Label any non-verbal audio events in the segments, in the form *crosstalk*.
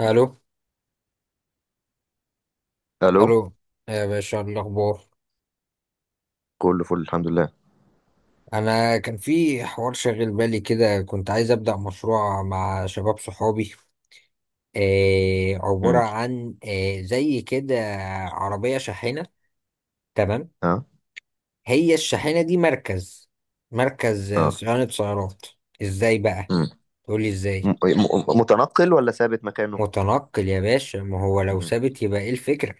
الو، الو. الو، يا باشا إيه الاخبار؟ كله فل الحمد لله. انا كان في حوار شاغل بالي كده، كنت عايز ابدا مشروع مع شباب صحابي. عباره امم. عن زي كده، عربيه شاحنه. تمام، اه. هي الشاحنه دي مركز، مركز، اه. صيانه سيارات. ازاي بقى؟ تقولي ازاي؟ متنقل ولا ثابت مكانه؟ متنقل يا باشا، ما هو لو امم. ثابت يبقى ايه الفكره؟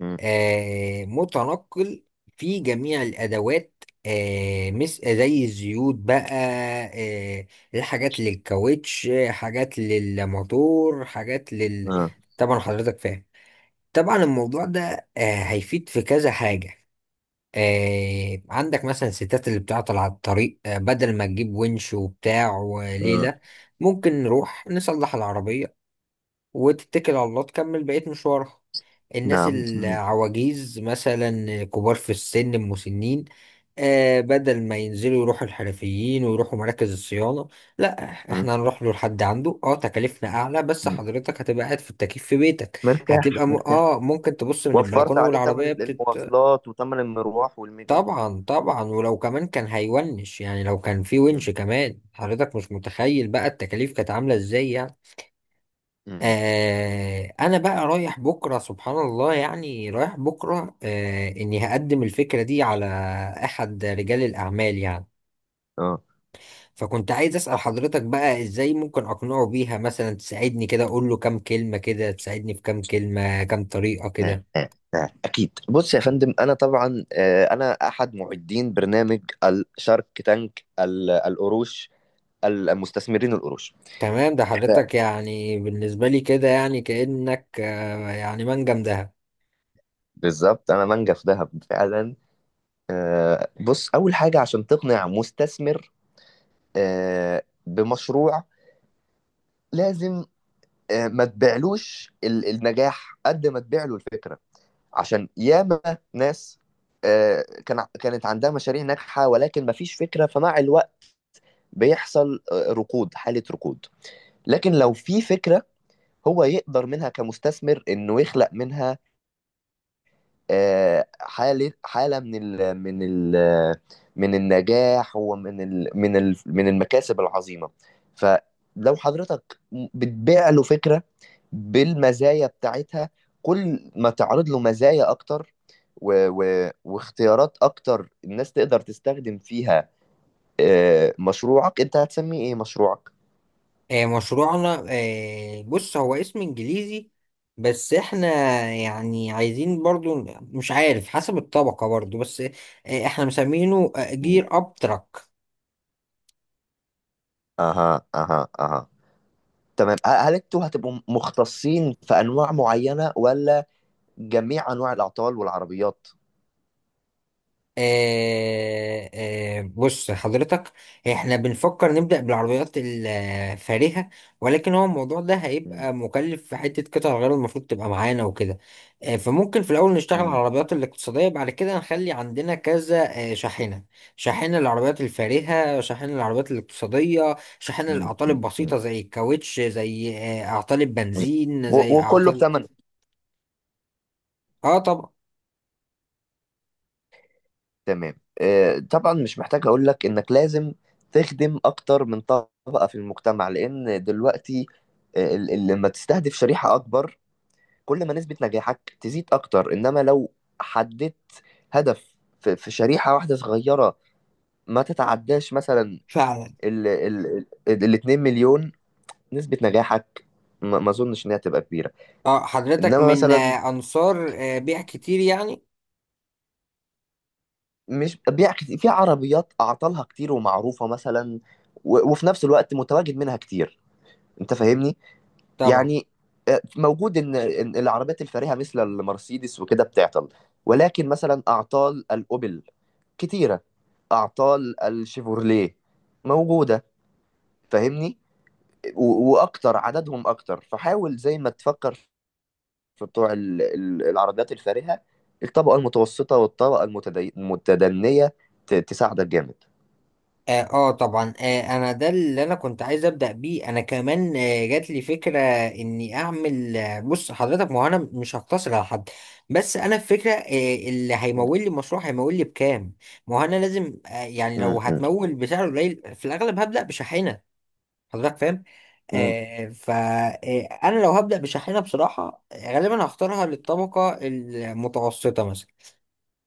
امم. متنقل. في جميع الأدوات، مس زي الزيوت بقى، آه، الحاجات للكاوتش، حاجات للموتور، حاجات لل... اه. طبعا حضرتك فاهم. طبعا الموضوع ده هيفيد في كذا حاجة. عندك مثلا الستات اللي بتعطل على الطريق، بدل ما تجيب ونش وبتاع اه. وليلة، ممكن نروح نصلح العربية وتتكل على الله تكمل بقية مشوارها. الناس نعم. مم. العواجيز مثلا، كبار في السن، المسنين، آه بدل ما ينزلوا يروحوا الحرفيين ويروحوا مراكز الصيانة، لا مم. احنا هنروح له، لحد عنده. اه تكاليفنا اعلى، بس مم. حضرتك هتبقى قاعد في التكييف في بيتك. هتبقى مرتاح م... مرتاح. اه ممكن تبص من وفرت البلكونة عليه ثمن والعربية بتت. المواصلات وثمن المروح والمجي. طبعا طبعا، ولو كمان كان هيونش يعني، لو كان في مم. ونش كمان، حضرتك مش متخيل بقى التكاليف كانت عاملة ازاي يعني. مم. آه انا بقى رايح بكره، سبحان الله يعني، رايح بكره، آه اني هقدم الفكره دي على احد رجال الاعمال يعني. اه. فكنت عايز اسال حضرتك بقى، ازاي ممكن اقنعه بيها؟ مثلا تساعدني كده، اقول له كام كلمه كده، تساعدني في كام كلمه، كام طريقه كده. آه، آه، آه. اكيد. بص يا فندم، انا طبعا انا احد معدين برنامج الشارك تانك، القروش، المستثمرين القروش. تمام، ده ف- حضرتك يعني بالنسبه لي كده يعني كانك يعني منجم دهب. بالظبط انا منجف ذهب فعلا. بص، أول حاجة عشان تقنع مستثمر بمشروع، لازم ما تبيعلوش النجاح قد ما تبيع له الفكرة. عشان ياما ناس كانت عندها مشاريع ناجحة ولكن ما فيش فكرة، فمع الوقت بيحصل حالة ركود. لكن لو في فكرة، هو يقدر منها كمستثمر إنه يخلق منها حالة من النجاح ومن ال من ال من المكاسب العظيمة. فلو حضرتك بتبيع له فكرة بالمزايا بتاعتها، كل ما تعرض له مزايا أكتر و و واختيارات أكتر الناس تقدر تستخدم فيها. مشروعك أنت هتسميه إيه مشروعك؟ مشروعنا، بص هو اسم انجليزي، بس احنا يعني عايزين برضو، مش عارف حسب الطبقة برضو، بس احنا مسمينه مم. جير اب تراك. أها أها أها. تمام. هل أنتوا هتبقوا مختصين في أنواع معينة، ولا جميع انواع الاعطال والعربيات؟ آه آه، بص حضرتك، احنا بنفكر نبدأ بالعربيات الفارهة، ولكن هو الموضوع ده م. هيبقى مكلف في حتة قطع غيار المفروض تبقى معانا وكده. آه فممكن في الأول نشتغل على م. العربيات الاقتصادية، بعد كده نخلي عندنا كذا شاحنة. شاحنة للعربيات الفارهة، شاحنة للعربيات الاقتصادية، شاحنة م. للأعطال م. م. البسيطة زي الكاوتش، زي أعطال م. البنزين، زي و- وكله أعطال... بتمن. اه طبعا. تمام. طبعا مش محتاج اقول لك انك لازم تخدم اكتر من طبقة في المجتمع، لان دلوقتي لما تستهدف شريحة اكبر، كل ما نسبة نجاحك تزيد اكتر. انما لو حددت هدف في شريحة واحدة صغيرة ما تتعداش مثلا فعلا. ال ال ال 2 مليون، نسبة نجاحك ما اظنش انها تبقى كبيرة. اه حضرتك انما من مثلا، أنصار بيع كتير يعني؟ مش بيع كتير في عربيات اعطالها كتير ومعروفه مثلا، و- وفي نفس الوقت متواجد منها كتير. انت فاهمني؟ طبعا. يعني موجود ان إن العربيات الفارهه مثل المرسيدس وكده بتعطل، ولكن مثلا اعطال الاوبل كتيره، اعطال الشيفورليه موجوده. فاهمني؟ و- واكتر عددهم اكتر، فحاول زي ما تفكر في بتوع العربيات الفارهه، الطبقه المتوسطه والطبقه المتدنيه تساعدك جامد. اه طبعا، انا ده اللي انا كنت عايز ابدا بيه. انا كمان جات لي فكره اني اعمل، بص حضرتك، ما هو انا مش هقتصر على حد، بس انا الفكره اللي هيمول لي المشروع هيمول لي بكام. ما هو انا لازم يعني مم. لو مم. هتمول بسعر قليل في الاغلب هبدا بشاحنه. حضرتك فاهم. مم. آه فانا لو هبدا بشاحنه بصراحه، غالبا هختارها للطبقه المتوسطه مثلا.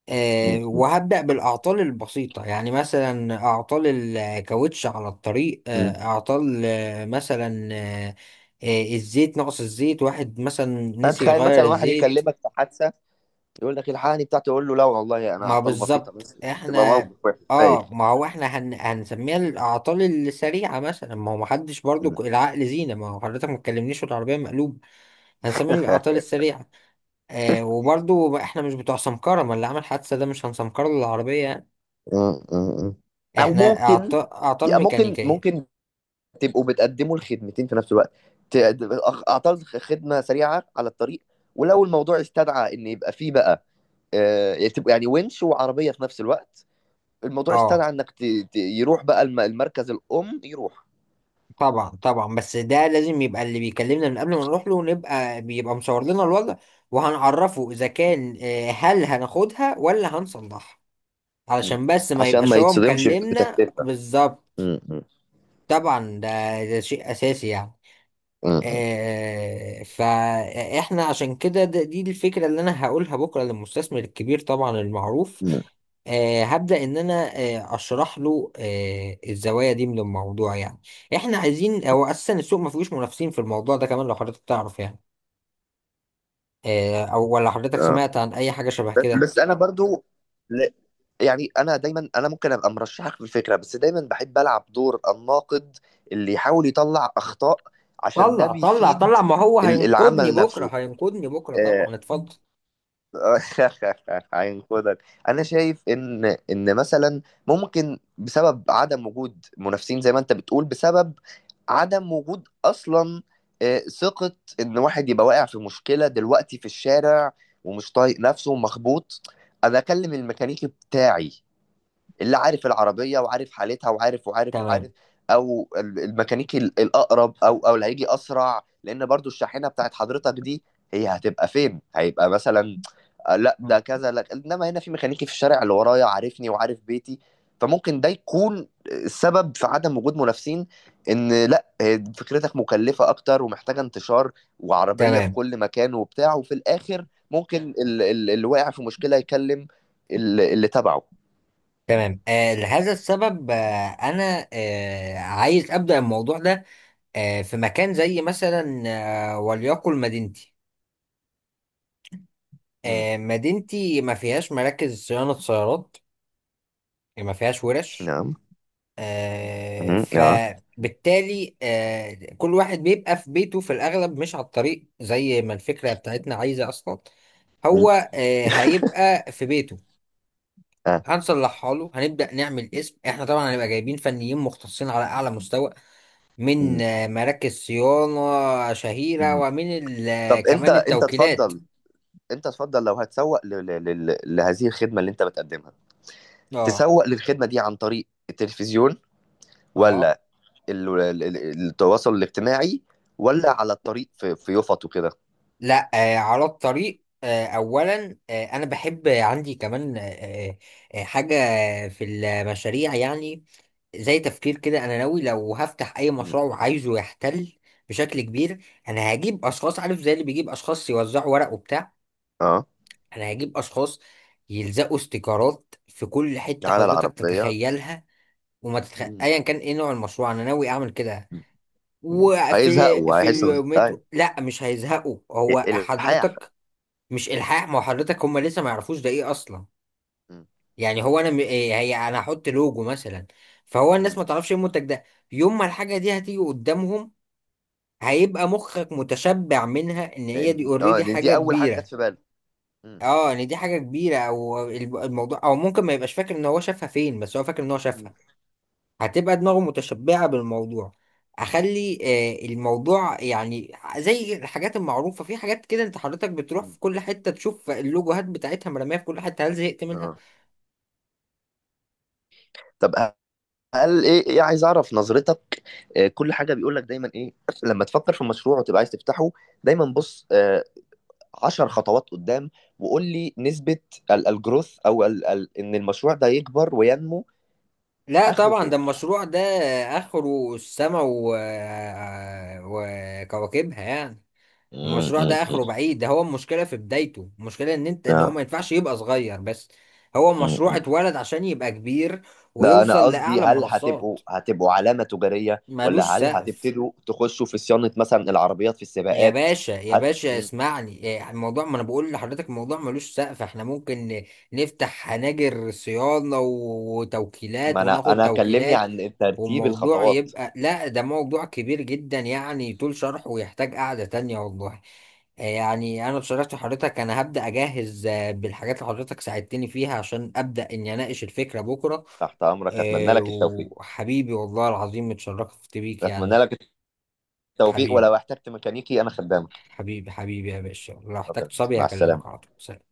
مم. وهبدأ بالأعطال البسيطة، يعني مثلا أعطال الكاوتش على الطريق، مم. آه، أعطال آه، مثلا آه، آه، الزيت، نقص الزيت. واحد مثلا نسي فتخيل يغير مثلا واحد الزيت. يكلمك في حادثه، يقول لك الحقني بتاعته، يقول له لا والله انا ما اعطال بسيطه بالظبط بس. تبقى احنا. موقف وحش بايخ. اه ما هو احنا هنسميها الأعطال السريعة مثلا. ما هو محدش برضو، مم. العقل زينة، ما هو حضرتك ما تكلمنيش والعربية مقلوبة، هنسميها *laughs* الأعطال السريعة. آه وبرضو احنا مش بتوع سمكرة، ما اللي عمل حادثة ده مش هنسمكر له العربية، مم. مم. او احنا ممكن اعطال ممكن ميكانيكية. ممكن تبقوا بتقدموا الخدمتين في نفس الوقت. ت- اعطال خدمه سريعه على الطريق، ولو الموضوع استدعى ان يبقى فيه بقى تبقى يعني ونش وعربيه في نفس الوقت، الموضوع اه استدعى انك يروح بقى المركز الام يروح. طبعا طبعا، بس ده لازم يبقى اللي بيكلمنا من قبل ما نروح له، نبقى بيبقى مصور لنا الوضع، وهنعرفه اذا كان، هل هناخدها ولا هنصلحها؟ مم. علشان بس ما عشان ما يبقاش هو يتصدمش مكلمنا بتكلفة. بالظبط. مم. مم. طبعا ده شيء اساسي يعني. مم. فاحنا عشان كده، دي الفكرة اللي انا هقولها بكرة للمستثمر الكبير طبعا المعروف. مم. هبدأ ان انا اشرح له الزوايا دي من الموضوع يعني. احنا عايزين، او اساسا السوق ما فيهوش منافسين في الموضوع ده كمان، لو حضرتك تعرف يعني، او ولا حضرتك اه. سمعت عن اي حاجة شبه بس كده؟ بس انا برضو ل- يعني، انا دايما انا ممكن ابقى مرشحك في الفكره، بس دايما بحب العب دور الناقد اللي يحاول يطلع اخطاء عشان ده طلع طلع بيفيد طلع، ما هو هينقذني العمل بكرة، نفسه. هينقذني بكرة، آه، طبعا اتفضل. *laughs* هينقذك. انا شايف ان مثلا ممكن بسبب عدم وجود منافسين زي ما انت بتقول، بسبب عدم وجود اصلا ثقة، ان واحد يبقى واقع في مشكلة دلوقتي في الشارع ومش طايق نفسه ومخبوط، انا اكلم الميكانيكي بتاعي اللي عارف العربية وعارف حالتها وعارف وعارف وعارف، تمام. او الميكانيكي الاقرب، او اللي هيجي اسرع لان برضو الشاحنة بتاعت حضرتك دي، هي هتبقى فين؟ هيبقى مثلا لا مم. ده كذا لا، انما هنا في ميكانيكي في الشارع اللي ورايا عارفني وعارف بيتي. فممكن ده يكون السبب في عدم وجود منافسين، ان لا فكرتك مكلفة اكتر ومحتاجة انتشار وعربية في تمام. كل مكان وبتاع، وفي الاخر ممكن اللي واقع في مشكلة يكلم اللي تبعه. تمام آه لهذا السبب، انا عايز ابدا الموضوع ده في مكان زي مثلا، وليقل مدينتي. مم. مدينتي ما فيهاش مراكز صيانه سيارات، ما فيهاش ورش. نعم. مم. اه. فبالتالي كل واحد بيبقى في بيته في الاغلب، مش على الطريق زي ما الفكره بتاعتنا عايزه اصلا. هو مم. هيبقى في بيته، اه. هنصلحها له، هنبدا نعمل اسم. احنا طبعا هنبقى جايبين فنيين مختصين على اعلى مستوى من مم. مراكز صيانة شهيرة، مم. ومن طب انت كمان انت التوكيلات. اتفضل. انت اتفضل، لو هتسوق لهذه الخدمة اللي انت بتقدمها، اه. تسوق للخدمة دي عن طريق التلفزيون، اه. ولا التواصل الاجتماعي، ولا على الطريق في يفط وكده؟ لا على الطريق. اولا انا بحب عندي كمان، حاجة في المشاريع يعني، زي تفكير كده. انا ناوي لو هفتح اي مشروع مم. وعايزه يحتل بشكل كبير، انا هجيب اشخاص، عارف زي اللي بيجيب اشخاص يوزعوا ورق وبتاع، اه. انا هجيب اشخاص يلزقوا استيكرات في كل حتة على حضرتك العربية. تتخيلها. مم. ايا كان ايه نوع المشروع انا ناوي اعمل كده. مم. هيزهقوا في وهيحسوا. طيب، المترو، لا مش هيزهقوا. هو الحاح. حضرتك، مش الحاح. ما هو حضرتك هم لسه ما يعرفوش ده ايه اصلا. مم. يعني هو انا، إيه هي، انا هحط لوجو مثلا، فهو الناس مم. ما تعرفش ايه المنتج ده. يوم ما الحاجه دي هتيجي قدامهم هيبقى مخك متشبع منها، ان هي دي اوريدي لأن حاجه دي أول حاجة جت كبيره. في بالي. مم. اه ان دي حاجه كبيره، او الموضوع، او ممكن ما يبقاش فاكر ان هو شافها فين، بس هو فاكر ان هو مم. شافها. هتبقى دماغه متشبعة بالموضوع. اخلي الموضوع يعني زي الحاجات المعروفة. في حاجات كده انت حضرتك بتروح مم. في كل حتة تشوف اللوجوهات بتاعتها مرمية في كل حتة، هل زهقت منها؟ اه. طب هل ايه عايز اعرف نظرتك. كل حاجه بيقول لك دايما ايه؟ لما تفكر في مشروع وتبقى عايز تفتحه، دايما بص 10 خطوات قدام، وقول لي نسبة الجروث، او ال ال ان المشروع ده يكبر وينمو، لا اخره طبعا. فين. ده المشروع ده اخره السما و... آه، وكواكبها يعني. مم، المشروع مم، ده اخره مم. بعيد. ده هو المشكلة في بدايته، المشكلة ان انت، ان هو آه، ما ينفعش يبقى صغير بس، هو مم، مشروع مم. اتولد عشان يبقى كبير لا، انا ويوصل قصدي لأعلى هل هتبقوا المنصات. علامة تجارية، ملوش ولا هل سقف هتبتدوا تخشوا في صيانة مثلا العربيات في يا السباقات؟ باشا، يا باشا مم. اسمعني إيه، الموضوع، ما انا بقول لحضرتك الموضوع ملوش سقف، احنا ممكن نفتح هناجر صيانة وتوكيلات ما انا وناخد انا كلمني توكيلات، عن ترتيب والموضوع الخطوات. يبقى... لا ده موضوع كبير جدا يعني، طول شرحه ويحتاج قعدة تانية والله. يعني انا بصراحة حضرتك انا هبدأ اجهز، بالحاجات اللي حضرتك ساعدتني فيها عشان ابدأ اني اناقش الفكرة بكرة. تحت امرك، اتمنى لك التوفيق. وحبيبي والله العظيم اتشرفت بيك اتمنى يعني. لك التوفيق، حبيبي، ولو احتجت ميكانيكي انا خدامك. حبيبي يا باشا، لو احتجت اتفضل. صبي مع هكلمك على السلامة. طول. سلام.